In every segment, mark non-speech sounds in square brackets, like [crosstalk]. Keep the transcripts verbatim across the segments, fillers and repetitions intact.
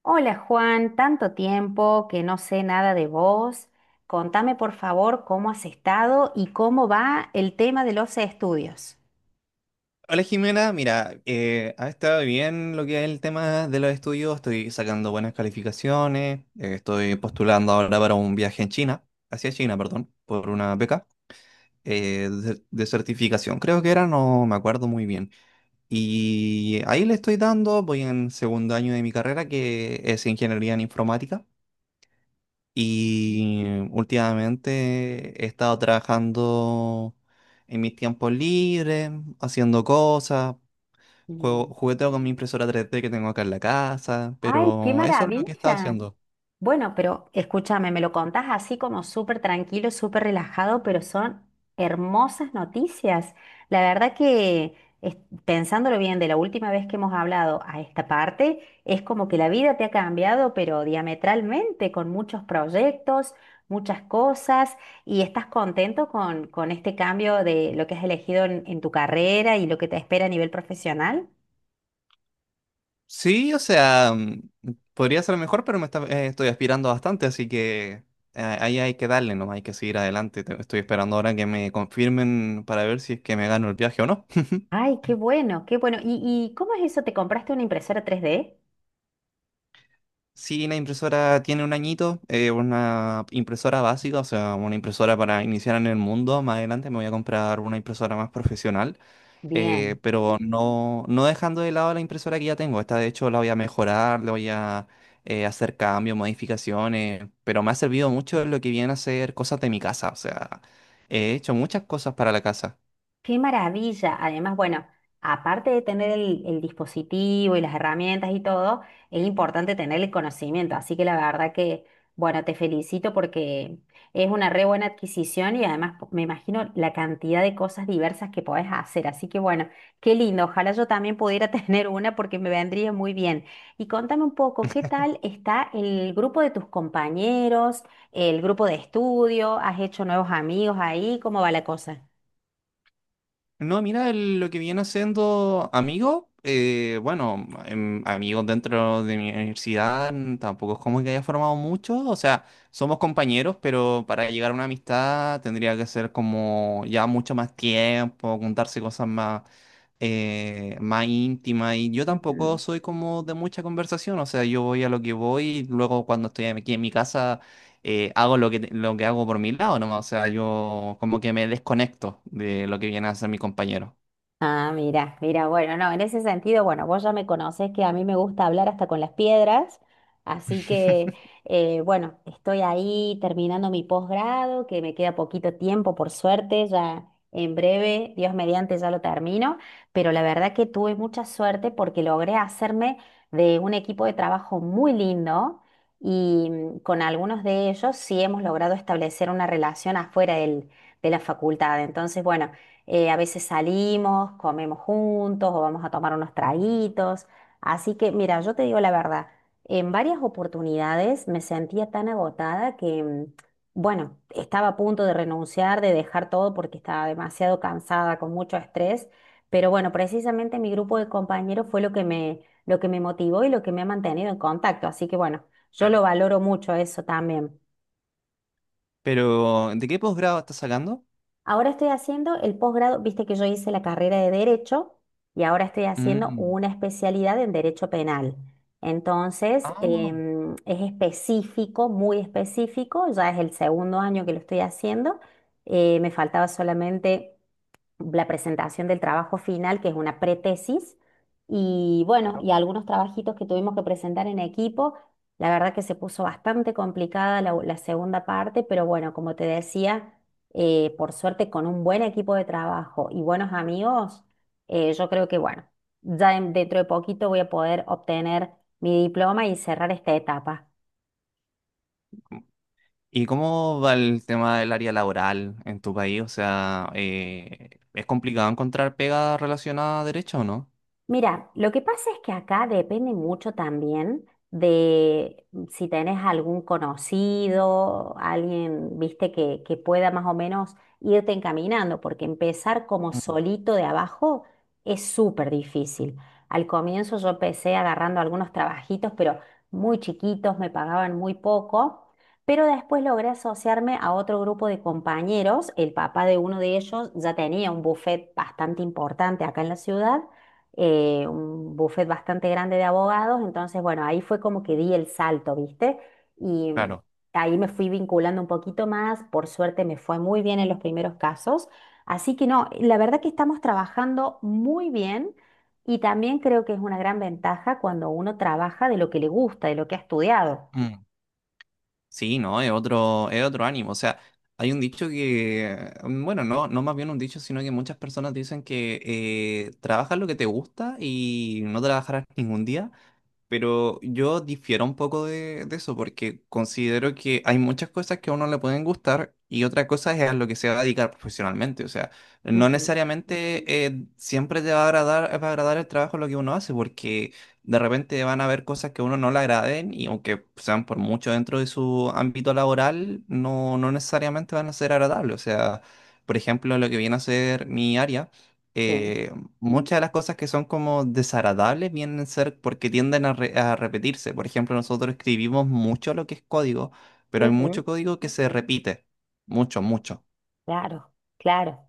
Hola Juan, tanto tiempo que no sé nada de vos. Contame por favor cómo has estado y cómo va el tema de los estudios. Hola Jimena, mira, eh, ha estado bien lo que es el tema de los estudios, estoy sacando buenas calificaciones, eh, estoy postulando ahora para un viaje en China, hacia China, perdón, por una beca eh, de, de certificación, creo que era, no me acuerdo muy bien. Y ahí le estoy dando, voy en segundo año de mi carrera que es ingeniería en informática y últimamente he estado trabajando en mis tiempos libres, haciendo cosas. Juego, Bien. jugueteo con mi impresora tres D que tengo acá en la casa, Ay, qué pero eso es lo que he estado maravilla. haciendo. Bueno, pero escúchame, me lo contás así como súper tranquilo, súper relajado, pero son hermosas noticias. La verdad que es- pensándolo bien, de la última vez que hemos hablado a esta parte, es como que la vida te ha cambiado, pero diametralmente, con muchos proyectos, muchas cosas, y estás contento con, con este cambio de lo que has elegido en, en tu carrera y lo que te espera a nivel profesional. Sí, o sea, mm, podría ser mejor, pero me está- eh, estoy aspirando bastante, así que eh, ahí hay que darle, nomás hay que seguir adelante. Te- Estoy esperando ahora que me confirmen para ver si es que me gano el viaje o no. [laughs] Ay, qué bueno, qué bueno. ¿Y, y cómo es eso? ¿Te compraste una impresora tres d? Sí, la impresora tiene un añito, eh, una impresora básica, o sea, una impresora para iniciar en el mundo. Más adelante me voy a comprar una impresora más profesional. eh, Bien. Pero no, no dejando de lado la impresora que ya tengo. Esta de hecho la voy a mejorar, le voy a eh, hacer cambios, modificaciones, pero me ha servido mucho lo que viene a ser cosas de mi casa. O sea, he hecho muchas cosas para la casa. Qué maravilla. Además, bueno, aparte de tener el, el dispositivo y las herramientas y todo, es importante tener el conocimiento. Así que la verdad que, bueno, te felicito porque es una re buena adquisición y además po- me imagino la cantidad de cosas diversas que podés hacer. Así que, bueno, qué lindo. Ojalá yo también pudiera [laughs] tener una porque me vendría muy bien. Y contame un poco, ¿qué tal está el grupo de tus compañeros, el grupo de estudio? ¿Has hecho nuevos amigos ahí? ¿Cómo va la cosa? No, mira, el- lo que viene haciendo amigos, eh, bueno, em, amigos dentro de mi universidad, mm, tampoco es como que haya formado muchos, o sea, somos compañeros, pero para llegar a una amistad tendría que ser como ya mucho más tiempo, contarse cosas más, eh, más íntimas, y yo Ujú. tampoco soy como de mucha conversación, o sea, yo voy a lo que voy, y luego cuando estoy aquí en mi casa eh, hago lo que, lo que hago por mi lado, ¿no? O sea, yo como que me desconecto de lo que viene a hacer mi compañero. Ah, mira, mira, bueno, no, en ese sentido, bueno, vos ya me conocés que a mí me gusta hablar hasta con las piedras, así que, [laughs] eh, bueno, estoy ahí terminando mi posgrado, que me queda poquito tiempo, por suerte, ya en breve, Dios mediante, ya lo termino, pero la verdad que tuve mucha suerte porque logré hacerme de un equipo de trabajo muy lindo y mm, con algunos de ellos sí hemos logrado establecer una relación afuera del- de la facultad, entonces, bueno, eh, a veces salimos, comemos juntos o vamos a tomar unos traguitos. Así que, mira, yo te digo la verdad, en varias oportunidades me sentía tan agotada que, mm, bueno, estaba a punto de renunciar, de dejar todo porque estaba demasiado cansada, con mucho estrés. Pero bueno, precisamente mi grupo de compañeros fue lo que me, lo que me motivó y lo que me ha mantenido en contacto. Así que bueno, yo Claro. lo valoro mucho eso también. Pero, ¿de qué posgrado estás sacando? Ahora estoy haciendo el posgrado, viste que yo hice la carrera de Derecho y ahora estoy haciendo Mm. una especialidad en Derecho Penal. Entonces, Ah, em, es específico, muy específico, ya es el segundo año que lo estoy haciendo. Eh, me faltaba solamente la presentación del trabajo final, que es una pretesis, y bueno, claro. y algunos trabajitos que tuvimos que presentar en equipo. La verdad que se puso bastante complicada la, la segunda parte, pero bueno, como te decía, eh, por suerte con un buen equipo de trabajo y buenos amigos, eh, yo creo que bueno, ya en- dentro de poquito voy a poder obtener mi diploma y cerrar esta etapa. ¿Y cómo va el tema del área laboral en tu país? O sea, eh, ¿es complicado encontrar pega relacionada a derecho o no? Mira, lo que pasa es que acá depende mucho también de mm, si tenés algún conocido, alguien, viste, que, que pueda más o menos irte encaminando, porque empezar como Mm, solito de abajo es súper difícil. Al comienzo yo empecé agarrando algunos trabajitos, pero muy chiquitos, me pagaban muy poco, pero después logré asociarme a otro grupo de compañeros. El papá de uno de ellos ya tenía un buffet bastante importante acá en la ciudad, eh, un buffet bastante grande de abogados, entonces bueno, ahí fue como que di el salto, ¿viste? Y mm, claro. ahí me fui vinculando un poquito más, por suerte me fue muy bien en los primeros casos, así que no, la verdad que estamos trabajando muy bien y también creo que es una gran ventaja cuando uno trabaja de lo que le gusta, de lo que ha estudiado. Sí, no, es otro, es otro ánimo. O sea, hay un dicho que, mm, bueno, no, no más bien un dicho, sino que muchas personas dicen que eh, trabajas lo que te gusta y no trabajarás ningún día. Pero yo difiero un poco de, de eso porque considero que hay muchas cosas que a uno le pueden gustar y otra cosa es a lo que se va a dedicar profesionalmente. O sea, no Ujú. necesariamente eh, siempre te va a agradar, va a agradar el trabajo lo que uno hace porque de repente van a haber cosas que a uno no le agraden y aunque sean por mucho dentro de su ámbito laboral, no, no necesariamente van a ser agradables. O sea, por ejemplo, lo que viene a ser mi área. Sí, eh, Muchas de las cosas que son como desagradables vienen a ser porque tienden a, re- a repetirse. Por ejemplo, nosotros escribimos mucho lo que es código, pero hay ujú. mucho código que se repite. Mucho, mucho. Claro, claro.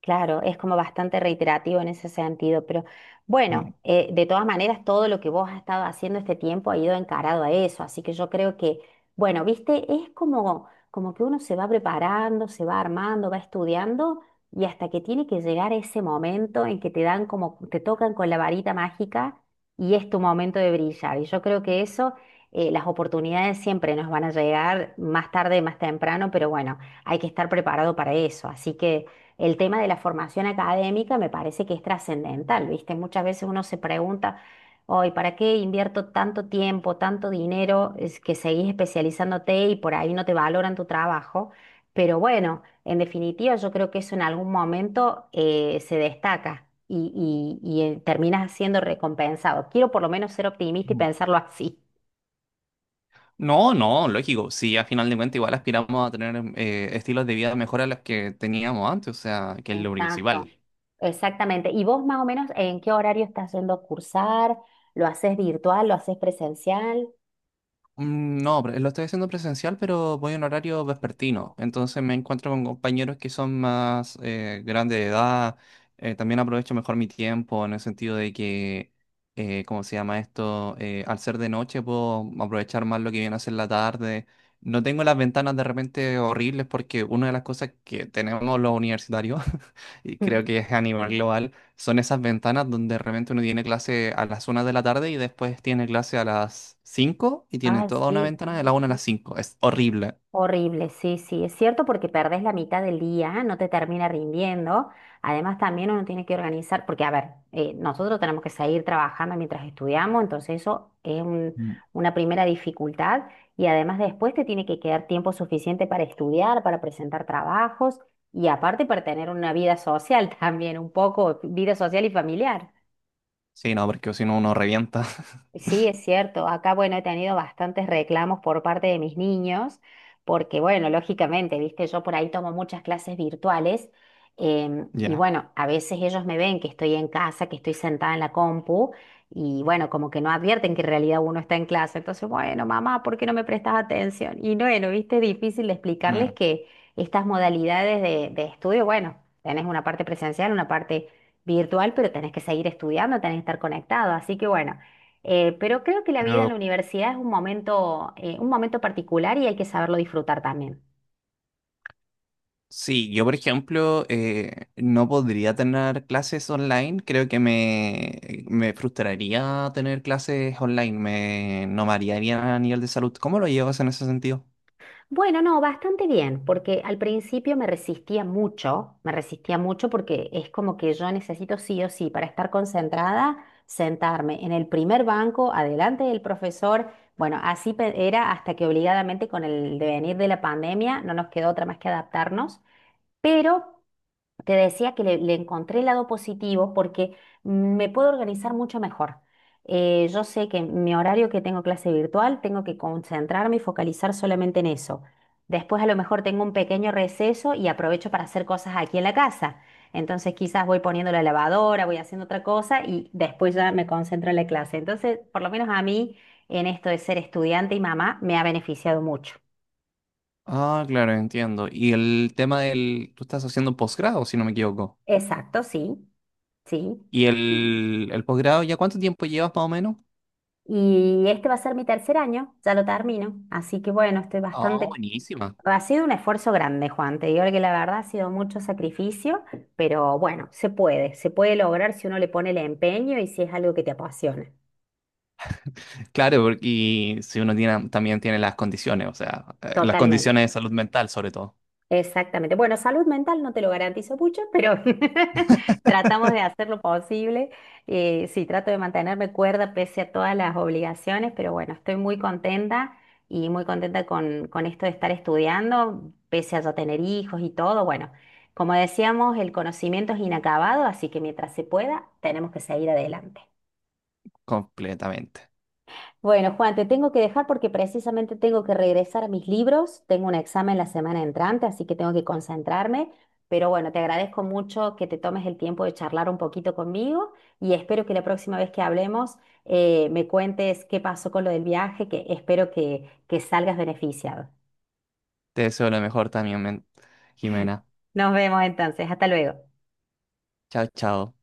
Claro, es como bastante reiterativo en ese sentido, pero bueno, Mm, eh, de todas maneras, todo lo que vos has estado haciendo este tiempo ha ido encarado a eso, así que yo creo que, bueno, viste, es como, como que uno se va preparando, se va armando, va estudiando y hasta que tiene que llegar ese momento en que te dan como, te tocan con la varita mágica y es tu momento de brillar. Y yo creo que eso, eh, las oportunidades siempre nos van a llegar más tarde, más temprano, pero bueno, hay que estar preparado para eso, así que... El tema de la formación académica me parece que es trascendental, ¿viste? Muchas veces uno se pregunta, hoy, ¿para qué invierto tanto tiempo, tanto dinero? Es que seguís especializándote y por ahí no te valoran tu trabajo. Pero bueno, en definitiva, yo creo que eso en algún momento eh, se destaca y, y, y eh, terminas siendo recompensado. Quiero por lo menos ser optimista y mm. pensarlo así. No, no, lógico. Si a final de cuentas igual aspiramos a tener eh, estilos de vida mejor a los que teníamos antes, o sea, que es lo Exacto, principal. exactamente. ¿Y vos más o menos en qué horario estás yendo a cursar? ¿Lo haces virtual? ¿Lo haces presencial? Mm, no, pre- lo estoy haciendo presencial, pero voy en horario vespertino. Entonces me encuentro con compañeros que son más eh, grandes de edad. Eh, también aprovecho mejor mi tiempo en el sentido de que, eh, ¿cómo se llama esto? Eh, al ser de noche puedo aprovechar más lo que viene a ser la tarde. No tengo las ventanas de repente horribles porque una de las cosas que tenemos los universitarios, [laughs] y creo Mm. que es a nivel global, son esas ventanas donde de repente uno tiene clase a las una de la tarde y después tiene clase a las cinco y tiene Ay, toda una sí, ventana de la una a las cinco. Es horrible. horrible, sí, sí, es cierto porque perdés la mitad del día, no te termina rindiendo. Además, también uno tiene que organizar, porque a ver, eh, nosotros tenemos que seguir trabajando mientras estudiamos, entonces eso es un- Mm. una primera dificultad y además después te tiene que quedar tiempo suficiente para estudiar, para presentar trabajos y aparte para tener una vida social [laughs] también, un poco, vida social y familiar. Sí, no, porque si no uno revienta. [laughs] Sí, es cierto. Acá, bueno, he tenido bastantes reclamos por parte de mis niños, porque, bueno, lógicamente, viste, yo por ahí tomo muchas clases virtuales, em, y, Ya. bueno, a veces ellos me ven que estoy en casa, que estoy sentada en la compu y, bueno, como que no advierten que en realidad uno está en clase. Entonces, bueno, mamá, ¿por qué no me prestas atención? Y, bueno, viste, es difícil de Mm. explicarles que estas modalidades de, de estudio, bueno, tenés una parte presencial, una parte virtual, pero tenés que seguir estudiando, tenés que estar conectado. Así que, bueno. Eh, pero creo que la vida en la Pero universidad es un momento, eh, un momento particular y hay que saberlo disfrutar también. sí, yo por ejemplo eh, no podría tener clases online. Creo que me, me frustraría tener clases online. Me, no me haría bien a nivel de salud. ¿Cómo lo llevas en ese sentido? Bueno, no, bastante bien, porque al principio me resistía mucho, me resistía mucho porque es como que yo necesito sí o sí para estar concentrada, sentarme en el primer banco, adelante del profesor. Bueno, así pe- era hasta que obligadamente con el devenir de la pandemia no nos quedó otra más que adaptarnos, pero te decía que le, le encontré el lado positivo porque me puedo organizar mucho mejor. Eh, yo sé que mi horario que tengo clase virtual, tengo que concentrarme y focalizar solamente en eso. Después a lo mejor tengo un pequeño receso y aprovecho para hacer cosas aquí en la casa. Entonces quizás voy poniendo la lavadora, voy haciendo otra cosa y después ya me concentro en la clase. Entonces, por lo menos a mí, en esto de ser estudiante y mamá, me ha beneficiado mucho. Ah, claro, entiendo. Y el tema del... Tú estás haciendo un posgrado, si no me equivoco. Exacto, sí, sí. ¿Y el, el posgrado ya cuánto tiempo llevas más o menos? Y este va a ser mi tercer año, ya lo termino. Así que bueno, estoy Oh, bastante... buenísima. Ha sido un esfuerzo grande, Juan. Te digo que la verdad ha sido mucho sacrificio, pero bueno, se puede. Se puede lograr si uno le pone el empeño y si es algo que te apasiona. Claro, porque y si uno tiene, también tiene las condiciones, o sea, eh, las Totalmente. condiciones de salud mental sobre todo, Exactamente. Bueno, salud mental no te lo garantizo mucho, pero [laughs] tratamos de hacer lo posible. Eh, sí, trato de mantenerme cuerda pese a todas las obligaciones, pero bueno, estoy muy contenta y muy contenta con, con esto de estar estudiando, pese a ya tener hijos y todo. Bueno, como decíamos, el conocimiento es inacabado, así que mientras se pueda, tenemos que seguir adelante. completamente. Bueno, Juan, te tengo que dejar porque precisamente tengo que regresar a mis libros. Tengo un examen la semana entrante, así que tengo que concentrarme. Pero bueno, te agradezco mucho que te tomes el tiempo de charlar un poquito conmigo y espero que la próxima vez que hablemos eh, me cuentes qué pasó con lo del viaje, que espero que, que salgas beneficiado. Te deseo lo mejor también, men- Jimena. Nos vemos entonces. Hasta luego. Chao, chao.